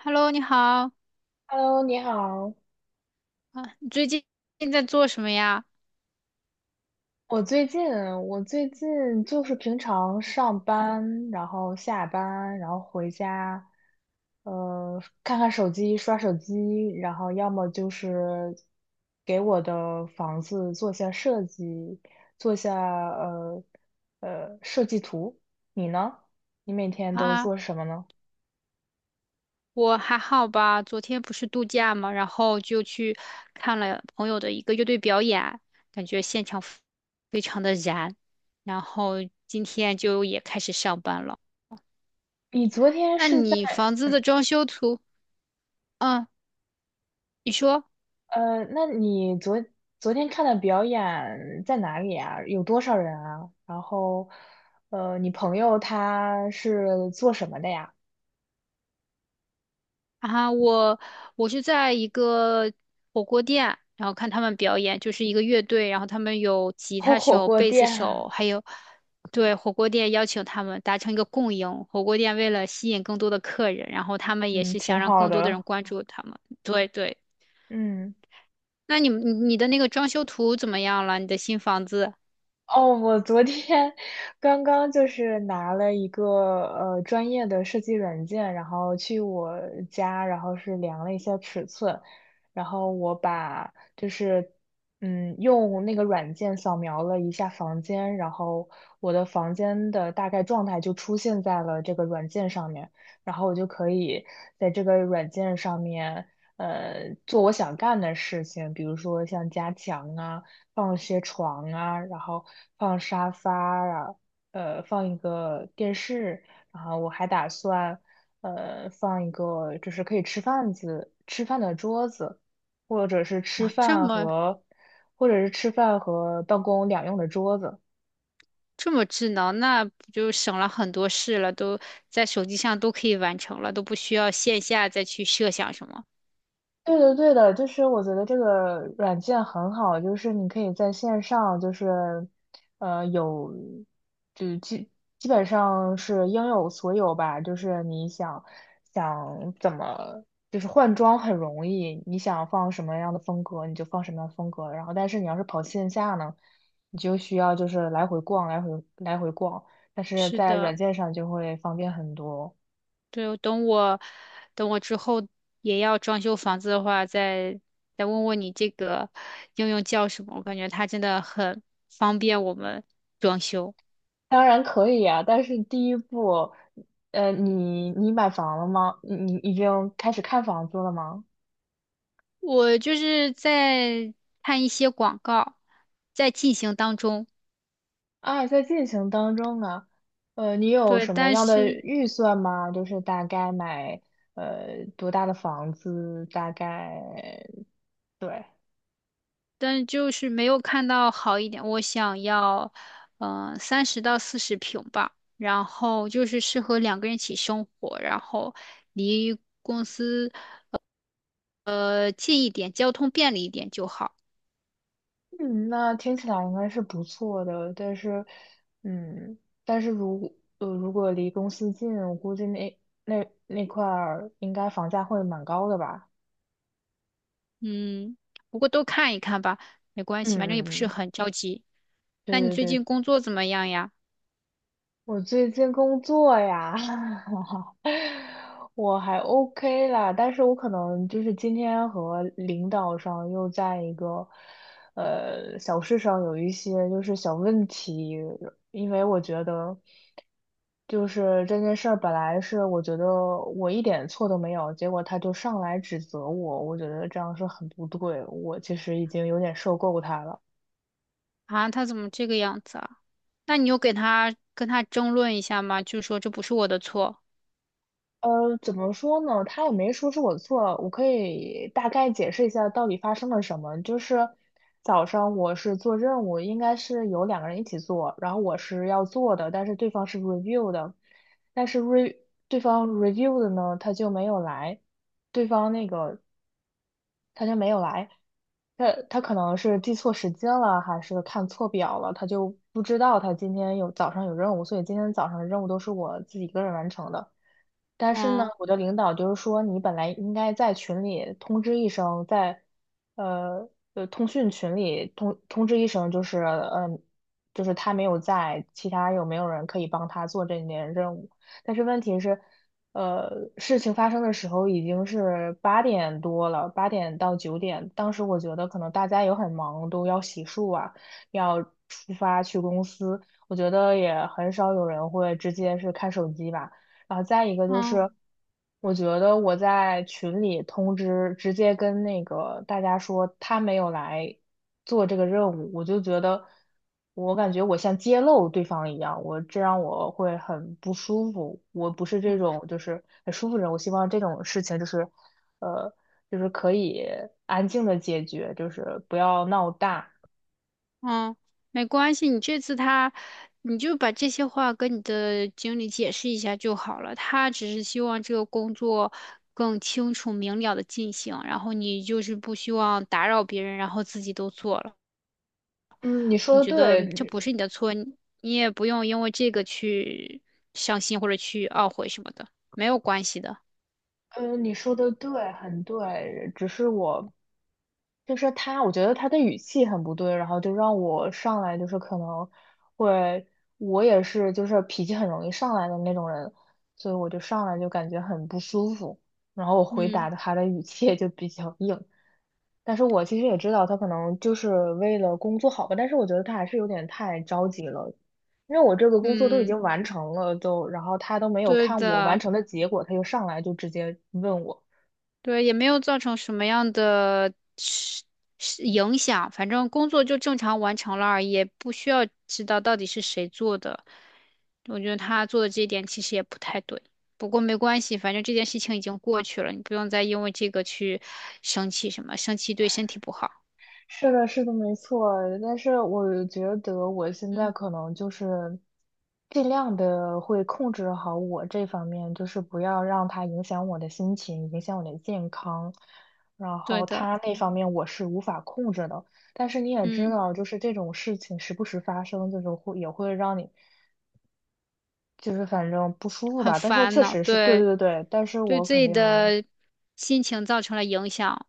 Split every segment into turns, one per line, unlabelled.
Hello，你好啊，
Hello，你好。
你最近在做什么呀？
我最近，我最近就是平常上班，然后下班，然后回家，看看手机，刷手机，然后要么就是给我的房子做下设计，做下呃设计图。你呢？你每天都
啊，
做什么呢？
我还好吧，昨天不是度假嘛，然后就去看了朋友的一个乐队表演，感觉现场非常的燃，然后今天就也开始上班了。
你昨天
那
是
你
在
房子的装修图，嗯，你说。
呃，那你昨天看的表演在哪里啊？有多少人啊？然后，你朋友他是做什么的呀？
啊，我是在一个火锅店，然后看他们表演，就是一个乐队，然后他们有 吉
哦，
他
火
手、
锅
贝斯
店，
手，还有对火锅店邀请他们达成一个共赢。火锅店为了吸引更多的客人，然后他们也
嗯，
是想
挺
让
好
更多的人
的，
关注他们。对对，
嗯。
那你们你你的那个装修图怎么样了？你的新房子
哦，我昨天刚刚就是拿了一个专业的设计软件，然后去我家，然后是量了一下尺寸，然后就是用那个软件扫描了一下房间，然后我的房间的大概状态就出现在了这个软件上面，然后我就可以在这个软件上面做我想干的事情，比如说像加强啊。放些床啊，然后放沙发啊，放一个电视，然后我还打算放一个就是可以吃饭的桌子，或者是吃
啊，这
饭
么
和或者是吃饭和办公两用的桌子。
这么智能，那不就省了很多事了，都在手机上都可以完成了，都不需要线下再去设想什么。
对的，对的，就是我觉得这个软件很好，就是你可以在线上，就是有，就基本上是应有所有吧，就是你想想怎么，就是换装很容易，你想放什么样的风格你就放什么样的风格，然后但是你要是跑线下呢，你就需要就是来回逛，来回来回逛，但是
是
在软
的。
件上就会方便很多。
对，等我之后也要装修房子的话，再问问你这个应用叫什么？我感觉它真的很方便我们装修。
当然可以啊，但是第一步，你买房了吗？你已经开始看房子了吗？
我就是在看一些广告，在进行当中。
啊，在进行当中啊，你有
对，
什么
但
样的
是
预算吗？就是大概买多大的房子，大概对，
但是就是没有看到好一点。我想要，嗯、30到40平吧，然后就是适合两个人一起生活，然后离公司。呃，近一点，交通便利一点就好。
嗯，那听起来应该是不错的，但是，嗯，如果离公司近，我估计那那块儿应该房价会蛮高的吧？
嗯，不过都看一看吧，没关
嗯
系，反正也
嗯
不是
嗯。
很着急。
对
那你最
对
近
对，
工作怎么样呀？
我最近工作呀，我还 OK 啦，但是我可能就是今天和领导上又在一个小事上有一些就是小问题，因为我觉得就是这件事儿本来是我觉得我一点错都没有，结果他就上来指责我，我觉得这样是很不对，我其实已经有点受够他了。
啊，他怎么这个样子啊？那你有给他跟他争论一下吗？就说这不是我的错。
怎么说呢？他也没说是我错，我可以大概解释一下到底发生了什么。就是早上我是做任务，应该是有两个人一起做，然后我是要做的，但是对方是 review 的，但是 对方 review 的呢，他就没有来，对方那个他就没有来，他可能是记错时间了，还是看错表了，他就不知道他今天有早上有任务，所以今天早上的任务都是我自己一个人完成的。但是呢，
嗯
我的领导就是说，你本来应该在群里通知一声，在呃通讯群里通知一声，就是就是他没有在，其他有没有人可以帮他做这件任务？但是问题是，呃，事情发生的时候已经是8点多了，8点到9点，当时我觉得可能大家也很忙，都要洗漱啊，要出发去公司，我觉得也很少有人会直接是看手机吧。然后再一个就是，
嗯。
我觉得我在群里通知，直接跟那个大家说他没有来做这个任务，我就觉得，我感觉我像揭露对方一样，我这让我会很不舒服。我不是这种就是很舒服的人，我希望这种事情就是，呃，可以安静的解决，就是不要闹大。
嗯，没关系，你这次他，你就把这些话跟你的经理解释一下就好了。他只是希望这个工作更清楚明了的进行，然后你就是不希望打扰别人，然后自己都做了。
嗯，你说
我
的
觉得这
对，
不是你的错，你你也不用因为这个去伤心或者去懊悔什么的，没有关系的。
嗯，你说的对，很对，只是我就是他，我觉得他的语气很不对，然后就让我上来就是可能会，我也是就是脾气很容易上来的那种人，所以我就上来就感觉很不舒服，然后我回答
嗯
的他的语气也就比较硬，但是我其实也知道他可能就是为了工作好吧，但是我觉得他还是有点太着急了，因为我这个工作都已
嗯，
经完成了，都，然后他都没有
对
看我完
的。
成的结果，他就上来就直接问我，
对，也没有造成什么样的是影响，反正工作就正常完成了而已，也不需要知道到底是谁做的。我觉得他做的这一点其实也不太对，不过没关系，反正这件事情已经过去了，你不用再因为这个去生气什么，生气对身体不好。
是的，是的，没错。但是我觉得我现在
嗯，
可能就是尽量的会控制好我这方面，就是不要让它影响我的心情，影响我的健康。然
对
后
的，
它那方面我是无法控制的。但是你也知
嗯，
道，就是这种事情时不时发生，就是也会让你就是反正不舒服
很
吧。但是
烦
确
恼，
实是对
对，
对对，但是
对
我
自
肯
己
定。
的心情造成了影响，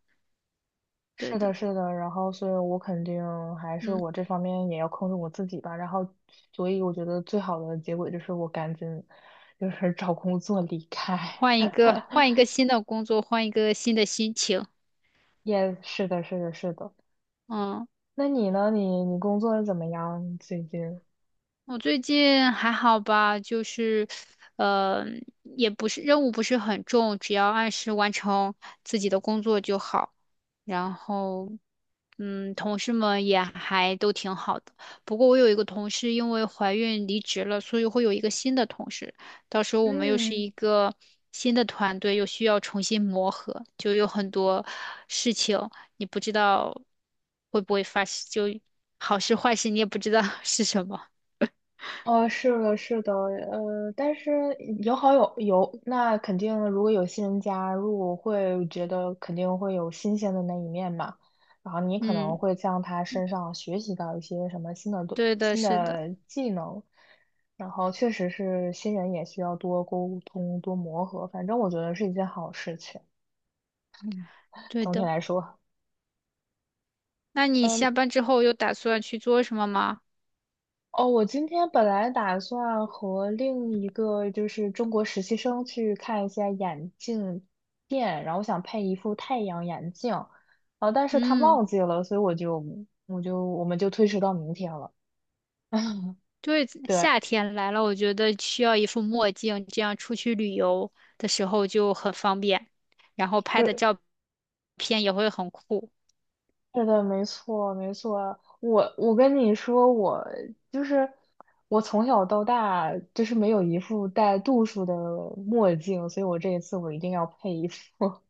对
是
的，
的，是的，然后所以我肯定还是
嗯，
我这方面也要控制我自己吧，然后所以我觉得最好的结果就是我赶紧就是找工作离开。
换一个，换一个新的工作，换一个新的心情。
也是的，是的，是的。
嗯，
那你呢？你工作怎么样最近？
我最近还好吧，就是，呃，也不是任务不是很重，只要按时完成自己的工作就好。然后，嗯，同事们也还都挺好的。不过我有一个同事因为怀孕离职了，所以会有一个新的同事。到时候我们又是
嗯，
一个新的团队，又需要重新磨合，就有很多事情你不知道会不会发生，就好事坏事你也不知道 是什么。
是的，是的，但是有好有，那肯定如果有新人加入，我会觉得肯定会有新鲜的那一面嘛。然后你可能
嗯，
会向他身上学习到一些什么
对的，
新
是的，
的技能，然后确实是新人也需要多沟通、多磨合，反正我觉得是一件好事情。
对
总体
的。
来说。
那你
嗯。
下班之后有打算去做什么吗？
哦，我今天本来打算和另一个就是中国实习生去看一下眼镜店，然后我想配一副太阳眼镜，啊，但是他
嗯，
忘记了，所以我们就推迟到明天了。
对，
对，
夏天来了，我觉得需要一副墨镜，这样出去旅游的时候就很方便，然后拍的
是
照片也会很酷。
是的，没错没错。我跟你说，我就是我从小到大就是没有一副带度数的墨镜，所以我这一次我一定要配一副。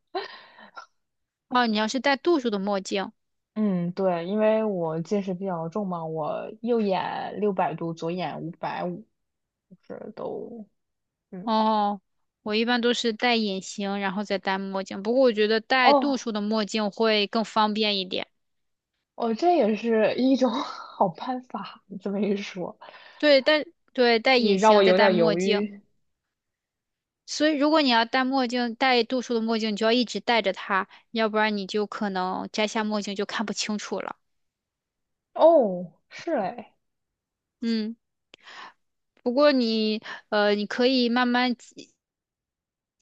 哦，你要是戴度数的墨镜，
嗯，对，因为我近视比较重嘛，我右眼600度，左眼550，就是都，嗯，
哦，我一般都是戴隐形，然后再戴墨镜。不过我觉得戴度
哦，
数的墨镜会更方便一点。
哦，这也是一种 好办法。你这么一说，
对，对，戴
你
隐
让我
形再
有
戴
点
墨
犹
镜。
豫。
所以如果你要戴墨镜，戴度数的墨镜，你就要一直戴着它，要不然你就可能摘下墨镜就看不清楚了。
哦，是哎，
嗯，不过你可以慢慢积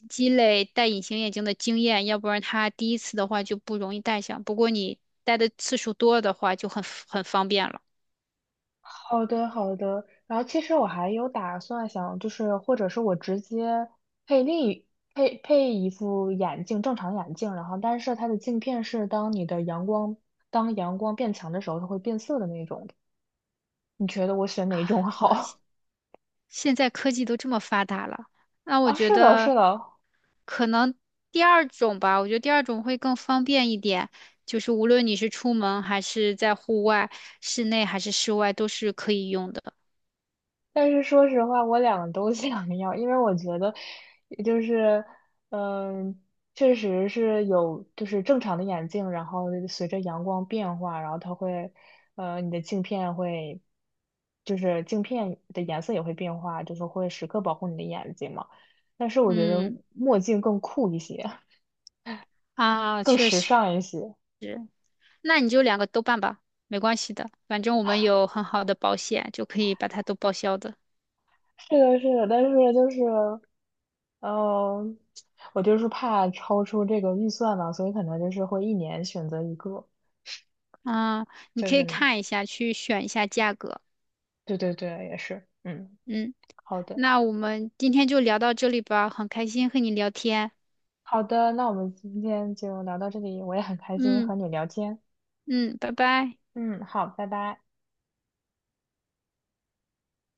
积累戴隐形眼镜的经验，要不然它第一次的话就不容易戴上。不过你戴的次数多的话，就很方便了。
好的好的。然后其实我还有打算想，就是或者是我直接配另一配一副眼镜，正常眼镜，然后但是它的镜片是当你的阳光当阳光变强的时候，它会变色的那种。你觉得我选哪种好？
现在科技都这么发达了，那 我
啊，
觉
是的，是
得
的，
可能第二种吧，我觉得第二种会更方便一点，就是无论你是出门还是在户外，室内还是室外，都是可以用的。
但是说实话，我两个都 想要，因为我觉得，就是，嗯，确实是有，就是正常的眼镜，然后随着阳光变化，然后它会，你的镜片会，就是镜片的颜色也会变化，就是会时刻保护你的眼睛嘛。但是我觉得
嗯，
墨镜更酷一些，
啊，
更
确
时
实，
尚一些。
那你就两个都办吧，没关系的，反正我们有很好的保险，就可以把它都报销的。
是的，是的，但是就是。呃，我就是怕超出这个预算嘛，所以可能就是会一年选择一个，
啊，你
就
可以
是
看一下，去选一下价格。
对对对，也是，嗯，
嗯，
好的
那我们今天就聊到这里吧，很开心和你聊天。
好的，那我们今天就聊到这里，我也很开心
嗯。
和你聊天，
嗯，拜拜。
嗯，好，拜拜。